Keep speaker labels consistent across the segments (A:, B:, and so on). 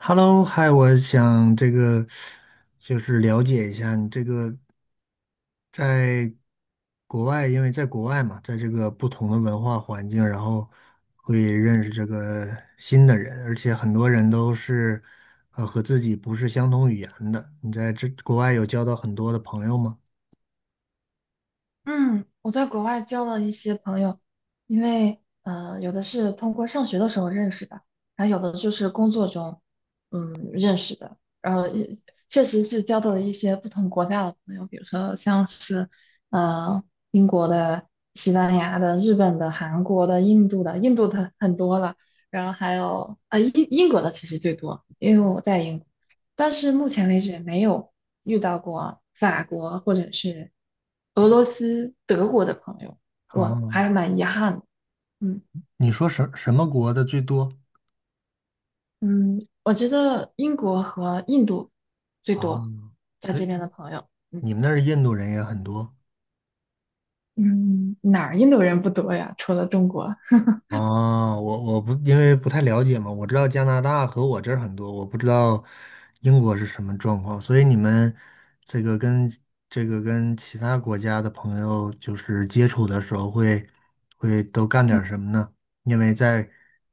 A: Hello，嗨，我想这个就是了解一下你这个在国外，因为在国外嘛，在这个不同的文化环境，然后会认识这个新的人，而且很多人都是和自己不是相同语言的。你在这国外有交到很多的朋友吗？
B: 嗯，我在国外交了一些朋友。因为有的是通过上学的时候认识的，还有的就是工作中认识的。然后也确实是交到了一些不同国家的朋友，比如说像是呃英国的、西班牙的、日本的、韩国的、印度的。印度的很多了。然后还有英国的其实最多，因为我在英国，但是目前为止没有遇到过法国或者是。俄罗斯、德国的朋友，我
A: 啊，
B: 还蛮遗憾的。嗯。
A: 你说什么国的最多？
B: 嗯，我觉得英国和印度最
A: 啊？
B: 多，在
A: 所以
B: 这边的朋友。嗯。
A: 你们那儿印度人也很多。
B: 嗯，哪儿印度人不多呀？除了中国。
A: 哦，我不因为不太了解嘛，我知道加拿大和我这儿很多，我不知道英国是什么状况，所以你们这个跟这个跟其他国家的朋友就是接触的时候会都干点儿
B: 嗯。
A: 什么呢？因为在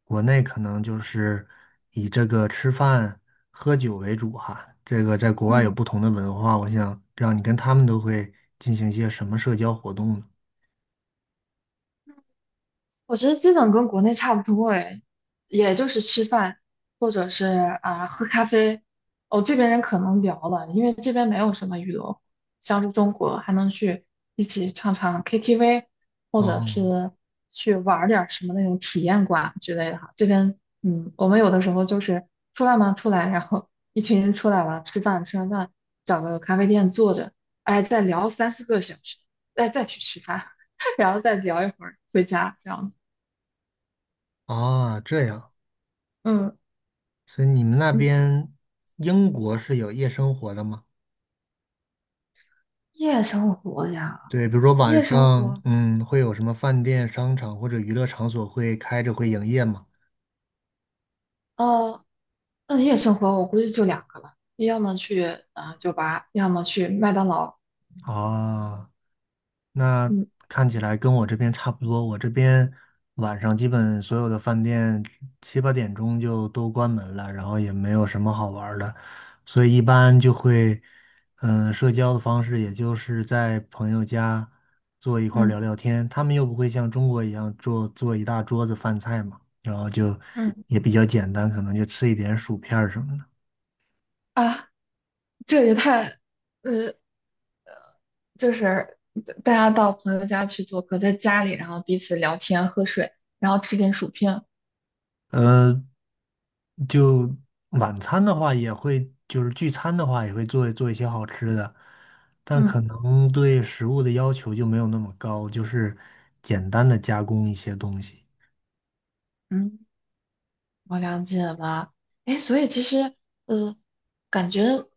A: 国内可能就是以这个吃饭喝酒为主哈，这个在国外有
B: 嗯。
A: 不同的文化，我想让你跟他们都会进行一些什么社交活动呢？
B: 我觉得基本跟国内差不多诶，也就是吃饭或者是啊喝咖啡。哦，这边人可能聊了，因为这边没有什么娱乐活像是中国还能去一起唱唱 KTV,或者
A: 哦，
B: 是去玩儿点儿什么那种体验馆之类的哈。这边我们有的时候就是出来嘛，出来，然后一群人出来了，吃完饭，找个咖啡店坐着。哎，再聊三四个小时，再去吃饭，然后再聊一会儿回家这样子。
A: 啊，这样。
B: 嗯。
A: 所以你们那
B: 嗯
A: 边英国是有夜生活的吗？
B: 夜生活呀，
A: 对，比如说晚
B: 夜生
A: 上，
B: 活，
A: 嗯，会有什么饭店、商场或者娱乐场所会开着会营业吗？
B: 呃，那夜生活我估计就两个了，你要么去酒吧，要么去麦当劳。
A: 啊、那
B: 嗯。
A: 看起来跟我这边差不多，我这边晚上基本所有的饭店七八点钟就都关门了，然后也没有什么好玩儿的，所以一般就会，嗯，社交的方式也就是在朋友家坐一块儿
B: 嗯。
A: 聊聊天，他们又不会像中国一样做做一大桌子饭菜嘛，然后就
B: 嗯，
A: 也比较简单，可能就吃一点薯片儿什么的。
B: 啊，这也太。呃，就是大家到朋友家去做客，在家里，然后彼此聊天、喝水，然后吃点薯片。
A: 呃，就晚餐的话，也会就是聚餐的话，也会做做一些好吃的，但
B: 嗯。
A: 可能对食物的要求就没有那么高，就是简单的加工一些东西
B: 嗯，我了解了。哎，所以其实，呃，感觉。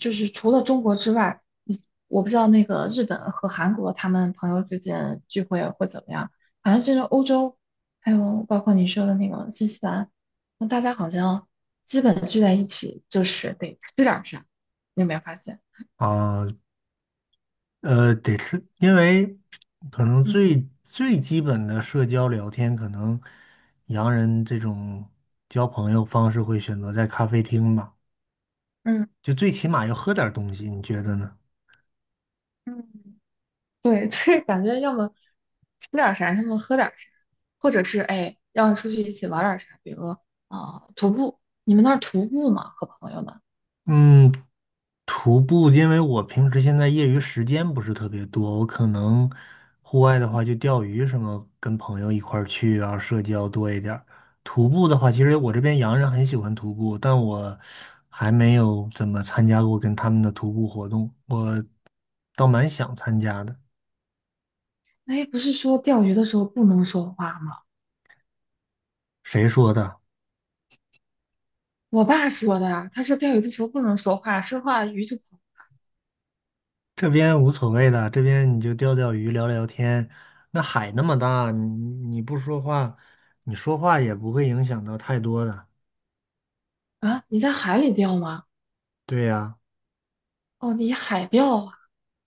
B: 就是除了中国之外，我不知道那个日本和韩国他们朋友之间聚会会怎么样。反正就是欧洲，还有包括你说的那个新西兰，那大家好像基本聚在一起就是得吃点儿啥，你有没有发现？
A: 啊，得吃，因为可能
B: 嗯。
A: 最最基本的社交聊天，可能洋人这种交朋友方式会选择在咖啡厅吧，
B: 嗯。
A: 就最起码要喝点儿东西，你觉得呢？
B: 嗯，对，就是感觉要么吃点儿啥，要么喝点儿啥，或者是哎，要出去一起玩点儿啥，比如啊、徒步，你们那儿徒步吗？和朋友们？
A: 嗯，徒步，因为我平时现在业余时间不是特别多，我可能户外的话就钓鱼什么，跟朋友一块儿去啊，社交多一点儿。徒步的话，其实我这边洋人很喜欢徒步，但我还没有怎么参加过跟他们的徒步活动，我倒蛮想参加的。
B: 哎，不是说钓鱼的时候不能说话吗？
A: 谁说的？
B: 我爸说的啊，他说钓鱼的时候不能说话，说话鱼就跑。
A: 这边无所谓的，这边你就钓钓鱼、聊聊天。那海那么大，你不说话，你说话也不会影响到太多的。
B: 啊，你在海里钓吗？
A: 对呀，
B: 哦，你海钓啊。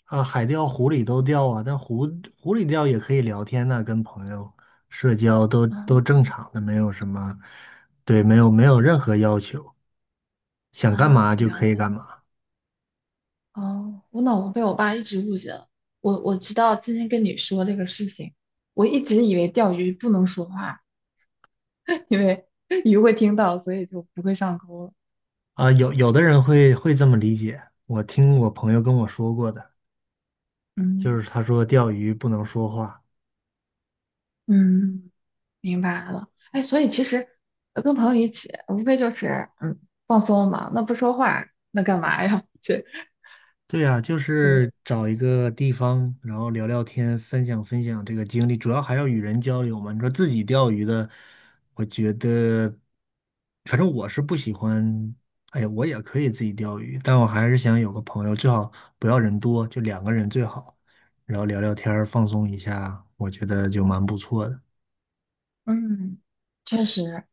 A: 啊，海钓、湖里都钓啊，但湖里钓也可以聊天呐、跟朋友社交都
B: 嗯。
A: 正常的，没有什么，对，没有任何要求，想干
B: 啊，我
A: 嘛就
B: 了
A: 可以
B: 解了。
A: 干嘛
B: 哦，我脑子被我爸一直误解了。我知道今天跟你说这个事情，我一直以为钓鱼不能说话，因为鱼会听到，所以就不会上钩了。
A: 啊。有的人会这么理解，我听我朋友跟我说过的，就
B: 嗯。
A: 是他说钓鱼不能说话。
B: 嗯，明白了。哎，所以其实跟朋友一起，无非就是嗯放松嘛，那不说话，那干嘛呀？
A: 对呀，就
B: 对。
A: 是找一个地方，然后聊聊天，分享分享这个经历，主要还要与人交流嘛。你说自己钓鱼的，我觉得，反正我是不喜欢。哎呀，我也可以自己钓鱼，但我还是想有个朋友，最好不要人多，就两个人最好，然后聊聊天儿放松一下，我觉得就蛮不错的。
B: 嗯，确实。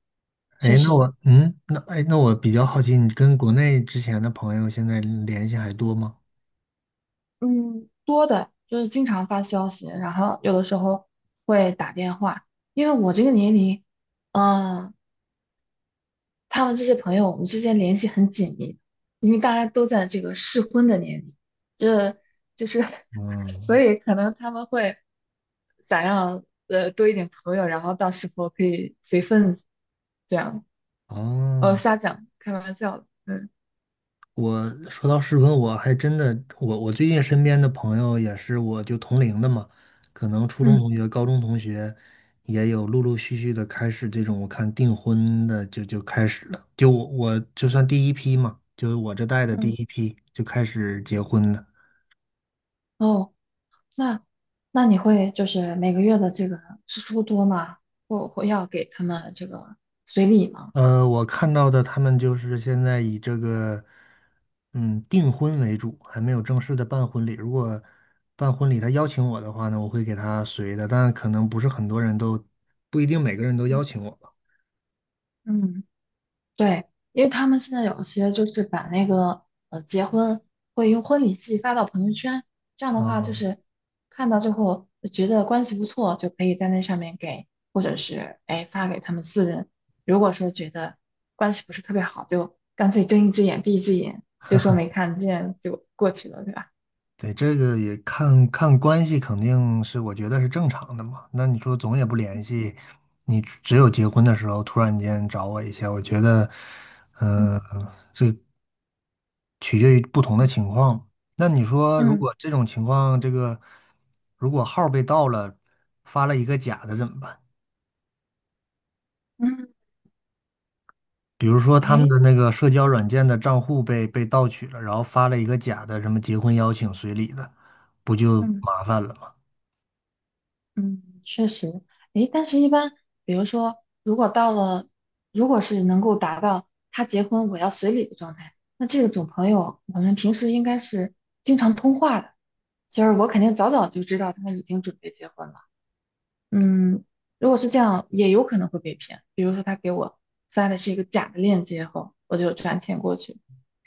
A: 哎，
B: 确
A: 那
B: 实。
A: 我，嗯，那哎，那我比较好奇，你跟国内之前的朋友现在联系还多吗？
B: 嗯，多的就是经常发消息，然后有的时候会打电话。因为我这个年龄，嗯，他们这些朋友，我们之间联系很紧密，因为大家都在这个适婚的年龄，这就是，所
A: 嗯，
B: 以可能他们会想要多一点朋友，然后到时候可以随份子，这样。
A: 哦。
B: 瞎讲，开玩笑的。嗯。
A: 我说到适婚，我还真的，我最近身边的朋友也是，我就同龄的嘛，可能初中
B: 嗯。
A: 同学、高中同学也有陆陆续续的开始这种，我看订婚的就开始了，就我就算第一批嘛，就是我这代的第
B: 嗯，
A: 一批就开始结婚了。
B: 哦。那那你会就是每个月的这个支出多吗？或要给他们这个随礼吗？
A: 呃，我看到的他们就是现在以这个，嗯，订婚为主，还没有正式的办婚礼。如果办婚礼他邀请我的话呢，我会给他随的，但可能不是很多人都，不一定每个人都邀
B: 嗯。
A: 请我吧。
B: 嗯，对。因为他们现在有些就是把那个结婚会用婚礼季发到朋友圈，这样的话就
A: 哦，
B: 是看到之后觉得关系不错，就可以在那上面给，或者是哎发给他们四人。如果说觉得关系不是特别好，就干脆睁一只眼闭一只眼，就说没看见就过去了，对吧？
A: 对，这个也看看关系，肯定是我觉得是正常的嘛。那你说总也不联
B: 嗯。
A: 系，你只有结婚的时候突然间找我一下，我觉得，
B: 嗯。
A: 嗯。取决于不同的情况。那你说，如
B: 嗯。
A: 果这种情况，这个如果号儿被盗了，发了一个假的怎么办？
B: 嗯，
A: 比如说他们
B: 哎。
A: 的那个社交软件的账户被盗取了，然后发了一个假的什么结婚邀请随礼的，不就
B: 嗯。
A: 麻烦了吗？
B: 嗯，确实。哎，但是一般，比如说，如果到了，如果是能够达到他结婚我要随礼的状态，那这种朋友，我们平时应该是经常通话的，就是我肯定早早就知道他已经准备结婚了。嗯，如果是这样，也有可能会被骗。比如说他给我发的是一个假的链接后，我就转钱过去，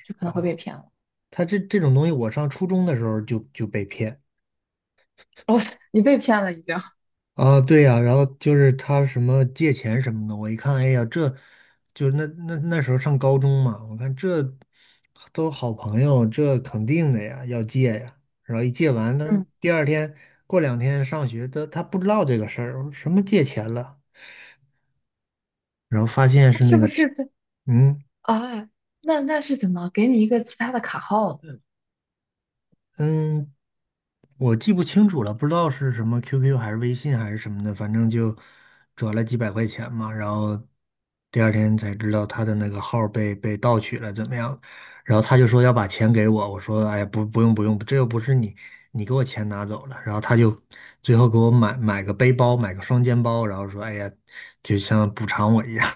B: 就可能会被骗了。
A: 他这种东西，我上初中的时候就被骗。
B: 哦，你被骗了已经。
A: 啊，对呀，然后就是他什么借钱什么的，我一看，哎呀，这就那时候上高中嘛，我看这都好朋友，这肯定的呀，要借呀。然后一借完，但是
B: 嗯，
A: 第二天过两天上学，他不知道这个事儿，我说什么借钱了，然后发现
B: 他
A: 是那
B: 是不
A: 个，
B: 是？
A: 嗯
B: 啊，那是怎么给你一个其他的卡号的？
A: 嗯，我记不清楚了，不知道是什么 QQ 还是微信还是什么的，反正就转了几百块钱嘛，然后第二天才知道他的那个号儿被盗取了，怎么样？然后他就说要把钱给我，我说哎呀不用不用，这又不是你你给我钱拿走了，然后他就最后给我买个背包，买个双肩包，然后说哎呀就像补偿我一样，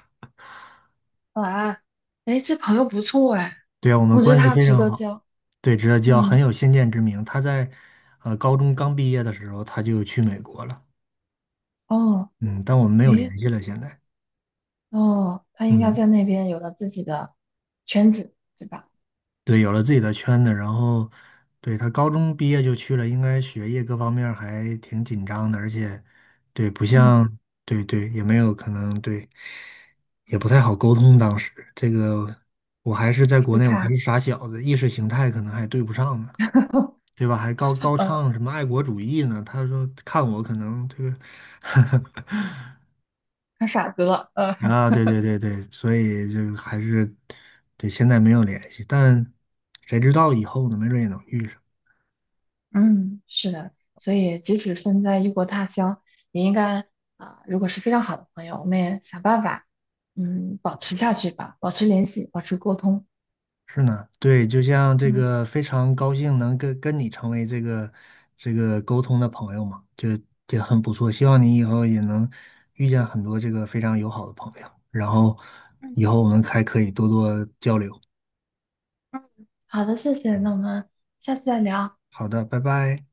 B: 哇，哎，这朋友不错哎。
A: 对啊，我们
B: 我觉得
A: 关系
B: 他
A: 非
B: 值
A: 常
B: 得
A: 好。
B: 交。
A: 对，知道叫很
B: 嗯。
A: 有先见之明。他在高中刚毕业的时候，他就去美国了。
B: 哦。
A: 嗯，但我们没有
B: 诶。
A: 联系了。现在，
B: 哦，他应该
A: 嗯，
B: 在那边有了自己的圈子，对吧？
A: 对，有了自己的圈子，然后，对，他高中毕业就去了，应该学业各方面儿还挺紧张的，而且，对，不
B: 嗯，
A: 像，对，也没有可能，对，也不太好沟通。当时这个，我还是在国
B: 是
A: 内，我还
B: 差，
A: 是傻小子，意识形态可能还对不上呢，对吧？还高高
B: 呃，
A: 唱什么爱国主义呢？他说看我可能这个，
B: 他傻子了。
A: 啊，对对对对，所以就还是对，现在没有联系，但谁知道以后呢？没准也能遇上。
B: 嗯，是的，所以即使身在异国他乡，也应该啊、如果是非常好的朋友，我们也想办法。嗯，保持下去吧，保持联系，保持沟通。
A: 是呢，对，就像这
B: 嗯。
A: 个非常高兴能跟你成为这个这个沟通的朋友嘛，就也很不错。希望你以后也能遇见很多这个非常友好的朋友，然后
B: 嗯。
A: 以后我们还可以多多交流。
B: 嗯，好的，谢谢，那
A: 嗯，
B: 我们下次再聊。
A: 好的，拜拜。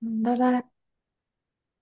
B: 嗯，拜拜。